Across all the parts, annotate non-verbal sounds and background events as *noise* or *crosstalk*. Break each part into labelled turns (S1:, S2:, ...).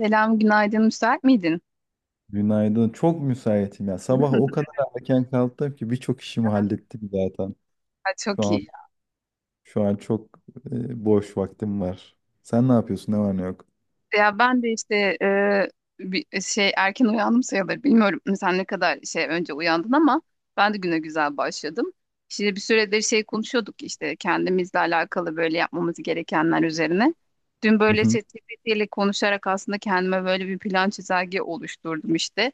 S1: Selam, günaydın. Müsait miydin?
S2: Günaydın. Çok müsaitim ya. Sabah o
S1: *laughs*
S2: kadar erken kalktım ki birçok işimi hallettim zaten.
S1: Ha,
S2: Şu
S1: çok
S2: an
S1: iyi.
S2: şu an çok boş vaktim var. Sen ne yapıyorsun? Ne var ne yok?
S1: Ya ben de işte bir şey erken uyandım sayılır. Bilmiyorum sen ne kadar şey önce uyandın ama ben de güne güzel başladım. Şimdi bir süredir şey konuşuyorduk işte kendimizle alakalı böyle yapmamız gerekenler üzerine. Dün
S2: Hı
S1: böyle
S2: hı.
S1: ChatGPT ile konuşarak aslında kendime böyle bir plan çizelge oluşturdum işte.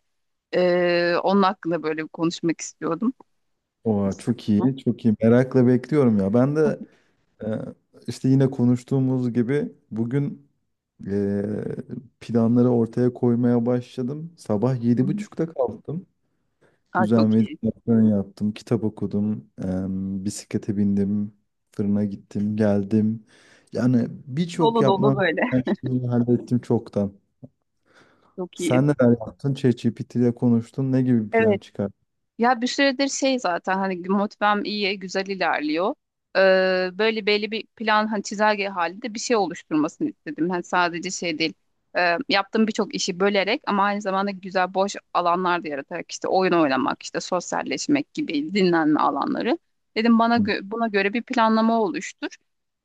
S1: Onun hakkında böyle bir konuşmak istiyordum.
S2: Oo,
S1: Müsait
S2: çok
S1: mi?
S2: iyi, çok iyi. Merakla bekliyorum ya. Ben de e, işte yine konuştuğumuz gibi bugün planları ortaya koymaya başladım. Sabah
S1: Hı
S2: yedi
S1: hı.
S2: buçukta kalktım.
S1: Ha,
S2: Güzel
S1: çok iyi.
S2: meditasyon yaptım, kitap okudum, bisiklete bindim, fırına gittim, geldim. Yani birçok
S1: Dolu dolu
S2: yapmam
S1: böyle.
S2: gereken
S1: *laughs*
S2: şeyi hallettim çoktan.
S1: Çok iyi.
S2: Sen neler yaptın? ChatGPT ile konuştun. Ne gibi bir plan
S1: Evet.
S2: çıkarttın?
S1: Ya bir süredir şey zaten hani motivem iyi, güzel ilerliyor. Böyle belli bir plan hani çizelge halinde bir şey oluşturmasını istedim. Hani sadece şey değil. Yaptığım birçok işi bölerek ama aynı zamanda güzel boş alanlar da yaratarak işte oyun oynamak, işte sosyalleşmek gibi dinlenme alanları. Dedim buna göre bir planlama oluştur.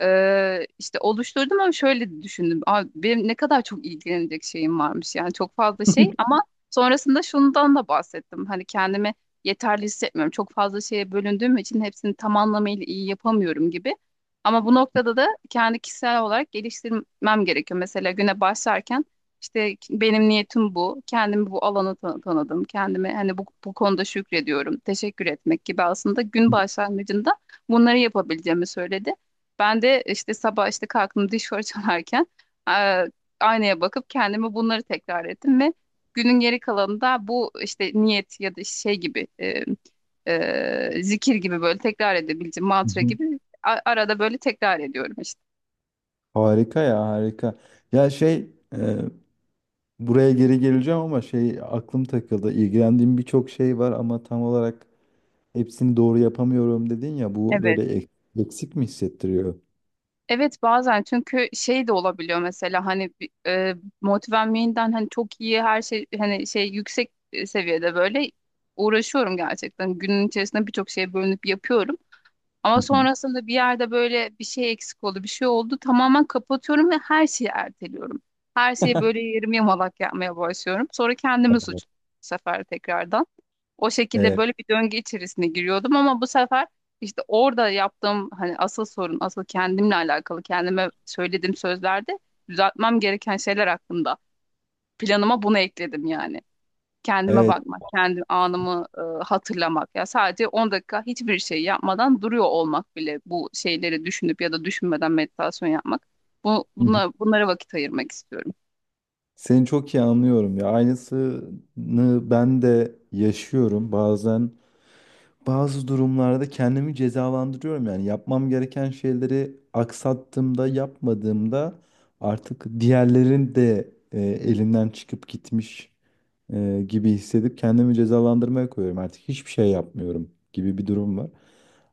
S1: İşte oluşturdum ama şöyle düşündüm. Abi, benim ne kadar çok ilgilenecek şeyim varmış yani çok fazla şey ama sonrasında şundan da bahsettim. Hani kendimi yeterli hissetmiyorum. Çok fazla şeye bölündüğüm için hepsini tam anlamıyla iyi yapamıyorum gibi. Ama bu noktada da kendi kişisel olarak geliştirmem gerekiyor. Mesela güne başlarken işte benim niyetim bu. Kendimi bu alana tanıdım. Kendime hani bu konuda şükrediyorum. Teşekkür etmek gibi aslında gün başlangıcında bunları yapabileceğimi söyledi. Ben de işte sabah işte kalktım diş fırçalarken eee, aynaya bakıp kendime bunları tekrar ettim ve günün geri kalanında bu işte niyet ya da işte şey gibi zikir gibi böyle tekrar edebileceğim
S2: Hı
S1: mantra
S2: hı.
S1: gibi arada böyle tekrar ediyorum işte.
S2: Harika ya, harika. Ya şey, e, buraya geri geleceğim ama şey aklım takıldı. İlgilendiğim birçok şey var ama tam olarak hepsini doğru yapamıyorum dedin ya bu
S1: Evet.
S2: böyle eksik mi hissettiriyor?
S1: Evet bazen çünkü şey de olabiliyor mesela hani motivem yayından hani çok iyi her şey hani şey yüksek seviyede böyle uğraşıyorum gerçekten. Günün içerisinde birçok şeye bölünüp yapıyorum.
S2: Hı
S1: Ama
S2: hı.
S1: sonrasında bir yerde böyle bir şey eksik oldu, bir şey oldu. Tamamen kapatıyorum ve her şeyi erteliyorum. Her şeyi böyle yarım yamalak yapmaya başlıyorum. Sonra kendimi
S2: Evet.
S1: suçluyorum bu sefer tekrardan. O şekilde böyle bir döngü içerisine giriyordum ama bu sefer işte orada yaptığım hani asıl sorun, asıl kendimle alakalı, kendime söylediğim sözlerde düzeltmem gereken şeyler hakkında planıma bunu ekledim yani kendime
S2: Evet.
S1: bakmak, kendi anımı hatırlamak ya sadece 10 dakika hiçbir şey yapmadan duruyor olmak bile bu şeyleri düşünüp ya da düşünmeden meditasyon yapmak.
S2: Hı hı.
S1: Bunlara vakit ayırmak istiyorum.
S2: Seni çok iyi anlıyorum ya. Aynısını ben de yaşıyorum. Bazen bazı durumlarda kendimi cezalandırıyorum. Yani yapmam gereken şeyleri aksattığımda, yapmadığımda artık diğerlerin de elinden çıkıp gitmiş gibi hissedip kendimi cezalandırmaya koyuyorum. Artık hiçbir şey yapmıyorum gibi bir durum var.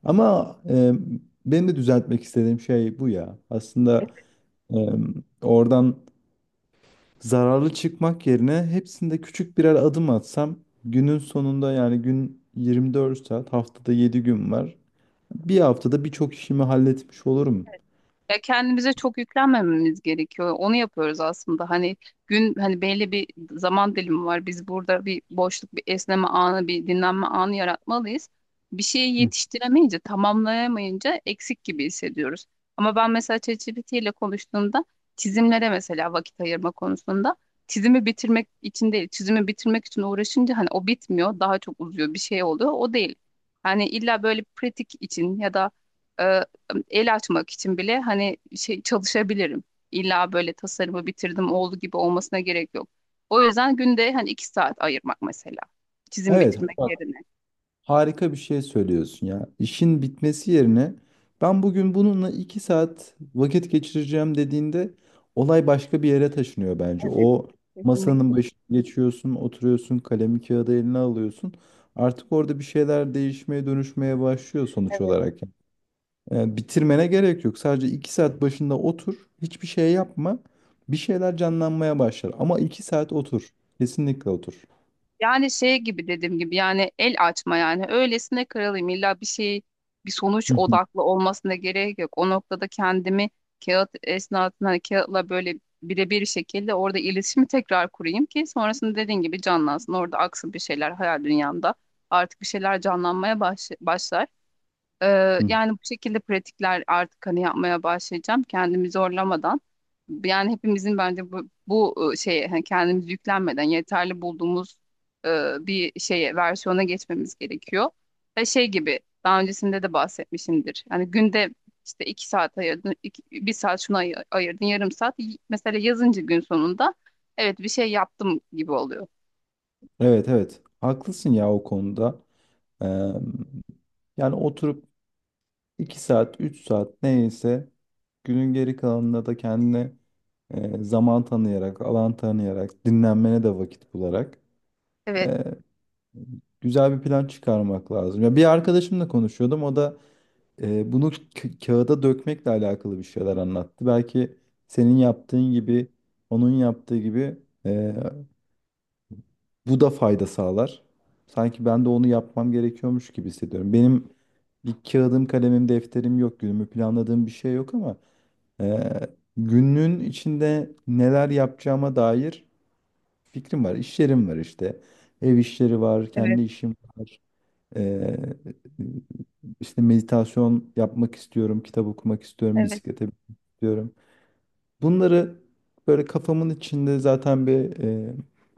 S2: Ama benim de düzeltmek istediğim şey bu ya. Aslında e, oradan zararlı çıkmak yerine hepsinde küçük birer adım atsam günün sonunda yani gün 24 saat haftada 7 gün var. Bir haftada birçok işimi halletmiş olurum.
S1: Ya kendimize çok yüklenmememiz gerekiyor. Onu yapıyoruz aslında. Hani gün hani belli bir zaman dilimi var. Biz burada bir boşluk, bir esneme anı, bir dinlenme anı yaratmalıyız. Bir şeyi
S2: Hı.
S1: yetiştiremeyince, tamamlayamayınca eksik gibi hissediyoruz. Ama ben mesela ChatGPT ile konuştuğumda çizimlere mesela vakit ayırma konusunda çizimi bitirmek için değil, çizimi bitirmek için uğraşınca hani o bitmiyor, daha çok uzuyor, bir şey oluyor. O değil. Hani illa böyle pratik için ya da e, el açmak için bile hani şey çalışabilirim. İlla böyle tasarımı bitirdim oldu gibi olmasına gerek yok. O yüzden günde hani iki saat ayırmak mesela. Çizim
S2: Evet,
S1: bitirmek
S2: bak,
S1: yerine.
S2: harika bir şey söylüyorsun ya. İşin bitmesi yerine ben bugün bununla 2 saat vakit geçireceğim dediğinde olay başka bir yere taşınıyor bence.
S1: Evet,
S2: O masanın
S1: kesinlikle.
S2: başına geçiyorsun, oturuyorsun, kalemi kağıdı eline alıyorsun. Artık orada bir şeyler değişmeye, dönüşmeye başlıyor sonuç
S1: Evet.
S2: olarak. Bitirmene gerek yok. Sadece 2 saat başında otur. Hiçbir şey yapma. Bir şeyler canlanmaya başlar. Ama 2 saat otur. Kesinlikle otur.
S1: Yani şey gibi dediğim gibi yani el açma yani öylesine kırılayım illa bir şey bir sonuç
S2: Hı hı
S1: odaklı olmasına gerek yok. O noktada kendimi kağıt esnasında hani kağıtla böyle birebir şekilde orada iletişimi tekrar kurayım ki sonrasında dediğin gibi canlansın. Orada aksın bir şeyler hayal dünyamda artık bir şeyler canlanmaya başlar.
S2: hı.
S1: Yani bu şekilde pratikler artık hani yapmaya başlayacağım kendimi zorlamadan. Yani hepimizin bence bu şeye hani kendimizi yüklenmeden yeterli bulduğumuz e, bir şeye versiyona geçmemiz gerekiyor. Ve şey gibi daha öncesinde de bahsetmişimdir. Yani günde işte iki saat ayırdın, bir saat şuna ayırdın, yarım saat. Mesela yazınca gün sonunda evet bir şey yaptım gibi oluyor.
S2: Evet, evet. Haklısın ya o konuda. Ee, Yani oturup 2 saat, 3 saat neyse günün geri kalanında da kendine zaman tanıyarak, alan tanıyarak, dinlenmene de vakit bularak
S1: Evet,
S2: e, güzel bir plan çıkarmak lazım. Ya bir arkadaşımla konuşuyordum. O da bunu kağıda dökmekle alakalı bir şeyler anlattı. Belki senin yaptığın gibi, onun yaptığı gibi e, bu da fayda sağlar. Sanki ben de onu yapmam gerekiyormuş gibi hissediyorum. Benim bir kağıdım, kalemim, defterim yok. Günümü planladığım bir şey yok ama e, günün içinde neler yapacağıma dair fikrim var. İşlerim var işte. Ev işleri var,
S1: evet,
S2: kendi işim var. Ee, işte meditasyon yapmak istiyorum, kitap okumak istiyorum,
S1: evet.
S2: bisiklete binmek istiyorum. Bunları böyle kafamın içinde zaten bir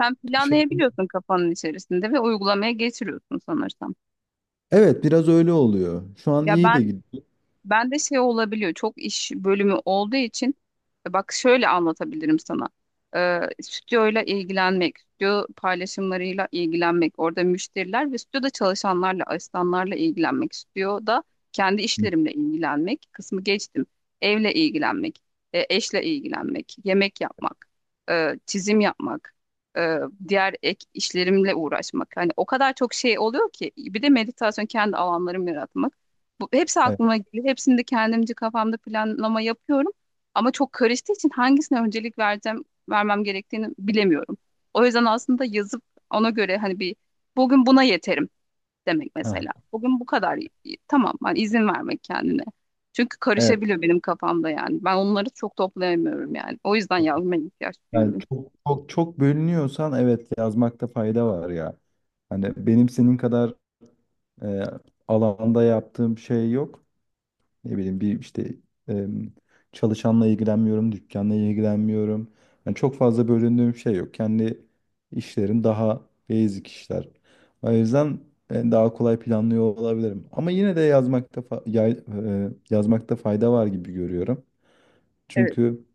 S1: Sen
S2: e, şey.
S1: planlayabiliyorsun kafanın içerisinde ve uygulamaya geçiriyorsun sanırsam.
S2: Evet, biraz öyle oluyor. Şu an
S1: Ya
S2: iyi de
S1: ben
S2: gidiyor.
S1: ben de şey olabiliyor. Çok iş bölümü olduğu için bak şöyle anlatabilirim sana. Stüdyoyla ilgilenmek, stüdyo paylaşımlarıyla ilgilenmek, orada müşteriler ve stüdyoda çalışanlarla, asistanlarla ilgilenmek, stüdyoda kendi
S2: *laughs* Hı.
S1: işlerimle ilgilenmek kısmı geçtim. Evle ilgilenmek, eşle ilgilenmek, yemek yapmak, çizim yapmak, e, diğer ek işlerimle uğraşmak. Hani o kadar çok şey oluyor ki bir de meditasyon kendi alanlarımı yaratmak. Bu, hepsi
S2: Evet.
S1: aklıma geliyor. Hepsini de kendimce kafamda planlama yapıyorum. Ama çok karıştığı için hangisine öncelik vereceğim, vermem gerektiğini bilemiyorum. O yüzden aslında yazıp ona göre hani bir bugün buna yeterim demek mesela.
S2: Aha,
S1: Bugün bu kadar tamam hani izin vermek kendine. Çünkü
S2: evet.
S1: karışabiliyor benim kafamda yani. Ben onları çok toplayamıyorum yani. O yüzden yazmaya ihtiyaç
S2: Yani
S1: duyuyorum.
S2: çok çok çok bölünüyorsan, evet, yazmakta fayda var ya. Hani benim senin kadar e, alanda yaptığım şey yok. Ne bileyim bir işte em, çalışanla ilgilenmiyorum, dükkanla ilgilenmiyorum. Yani çok fazla bölündüğüm şey yok. Kendi işlerim daha basic işler. O yüzden daha kolay planlıyor olabilirim. Ama yine de yazmakta fa- yay- e, yazmakta fayda var gibi görüyorum.
S1: Evet,
S2: Çünkü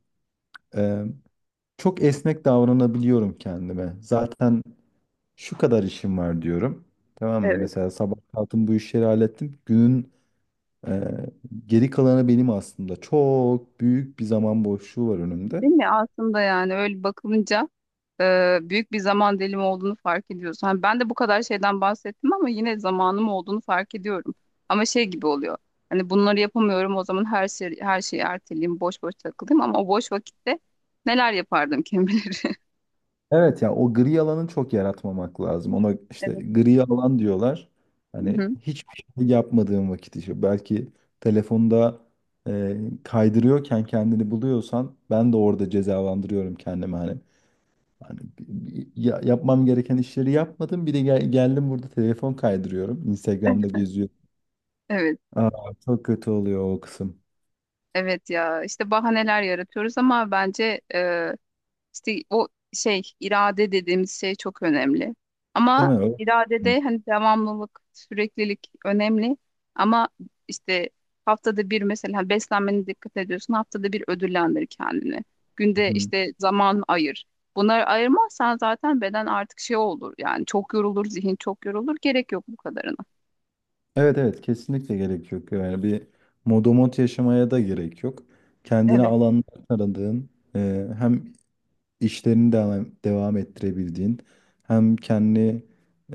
S2: e, çok esnek davranabiliyorum kendime. Zaten şu kadar işim var diyorum. Tamam mı?
S1: evet.
S2: Mesela sabah kalktım, bu işleri hallettim. Günün ee, geri kalanı benim aslında. Çok büyük bir zaman boşluğu var önümde.
S1: Değil mi? Aslında yani öyle bakılınca büyük bir zaman dilimi olduğunu fark ediyorsun. Hani ben de bu kadar şeyden bahsettim ama yine zamanım olduğunu fark ediyorum. Ama şey gibi oluyor. Hani bunları yapamıyorum o zaman her şeyi erteleyeyim, boş boş takılayım ama o boş vakitte neler yapardım kim bilir. *laughs*
S2: Evet ya, o gri alanı çok yaratmamak lazım. Ona işte
S1: Evet.
S2: gri alan diyorlar.
S1: Hı
S2: Hani
S1: hı.
S2: hiçbir şey yapmadığın vakit işte belki telefonda e, kaydırıyorken kendini buluyorsan ben de orada cezalandırıyorum kendimi hani. Hani bi- Yapmam gereken işleri yapmadım. Bir de geldim burada, telefon kaydırıyorum. Instagram'da geziyorum.
S1: Evet,
S2: Aa, çok kötü oluyor o kısım.
S1: evet ya işte bahaneler yaratıyoruz ama bence İşte o şey irade dediğimiz şey çok önemli.
S2: Değil
S1: Ama
S2: mi? O- Hı
S1: iradede hani devamlılık, süreklilik önemli. Ama işte haftada bir mesela hani beslenmene dikkat ediyorsun. Haftada bir ödüllendir kendini. Günde
S2: hı.
S1: işte zaman ayır. Bunları ayırmazsan zaten beden artık şey olur. Yani çok yorulur, zihin çok yorulur. Gerek yok bu kadarına.
S2: Evet, evet, kesinlikle gerek yok. Yani bir modomot yaşamaya da gerek yok. Kendine
S1: Evet.
S2: alanlar aradığın, hem işlerini devam ettirebildiğin, hem kendi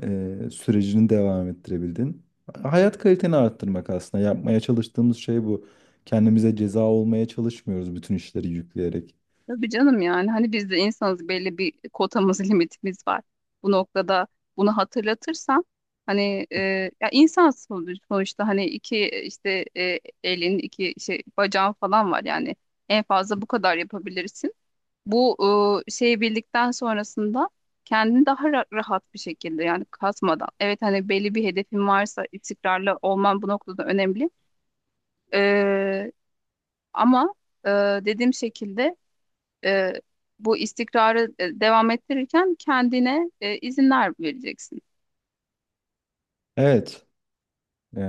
S2: sürecini devam ettirebildiğin. Hayat kaliteni arttırmak aslında. Yapmaya çalıştığımız şey bu. Kendimize ceza olmaya çalışmıyoruz bütün işleri yükleyerek.
S1: Tabii canım yani hani biz de insanız belli bir kotamız *laughs* limitimiz var. Bu noktada bunu hatırlatırsan hani ya insan sonuçta hani iki işte elin iki bacağın falan var yani en fazla bu kadar yapabilirsin. Bu şeyi bildikten sonrasında kendini daha rahat bir şekilde yani kasmadan evet hani belli bir hedefin varsa istikrarlı olman bu noktada önemli. E, ama e, dediğim şekilde e, bu istikrarı devam ettirirken kendine izinler vereceksin.
S2: Evet, e,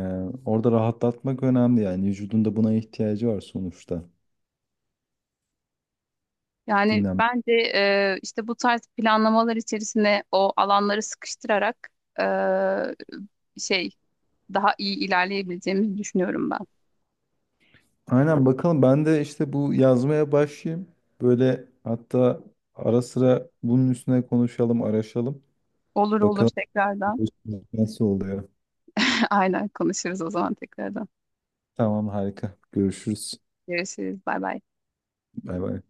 S2: orada rahatlatmak önemli yani. Vücudun da buna ihtiyacı var sonuçta.
S1: Yani
S2: Dinlen.
S1: bence işte bu tarz planlamalar içerisinde o alanları sıkıştırarak e, şey daha iyi ilerleyebileceğimizi düşünüyorum ben.
S2: Aynen, bakalım, ben de işte bu yazmaya başlayayım. Böyle hatta ara sıra bunun üstüne konuşalım, araşalım.
S1: Olur olur
S2: Bakalım
S1: tekrardan.
S2: nasıl oluyor.
S1: *laughs* Aynen konuşuruz o zaman tekrardan.
S2: Tamam, harika. Görüşürüz.
S1: Görüşürüz. Bay bay.
S2: Bay bay.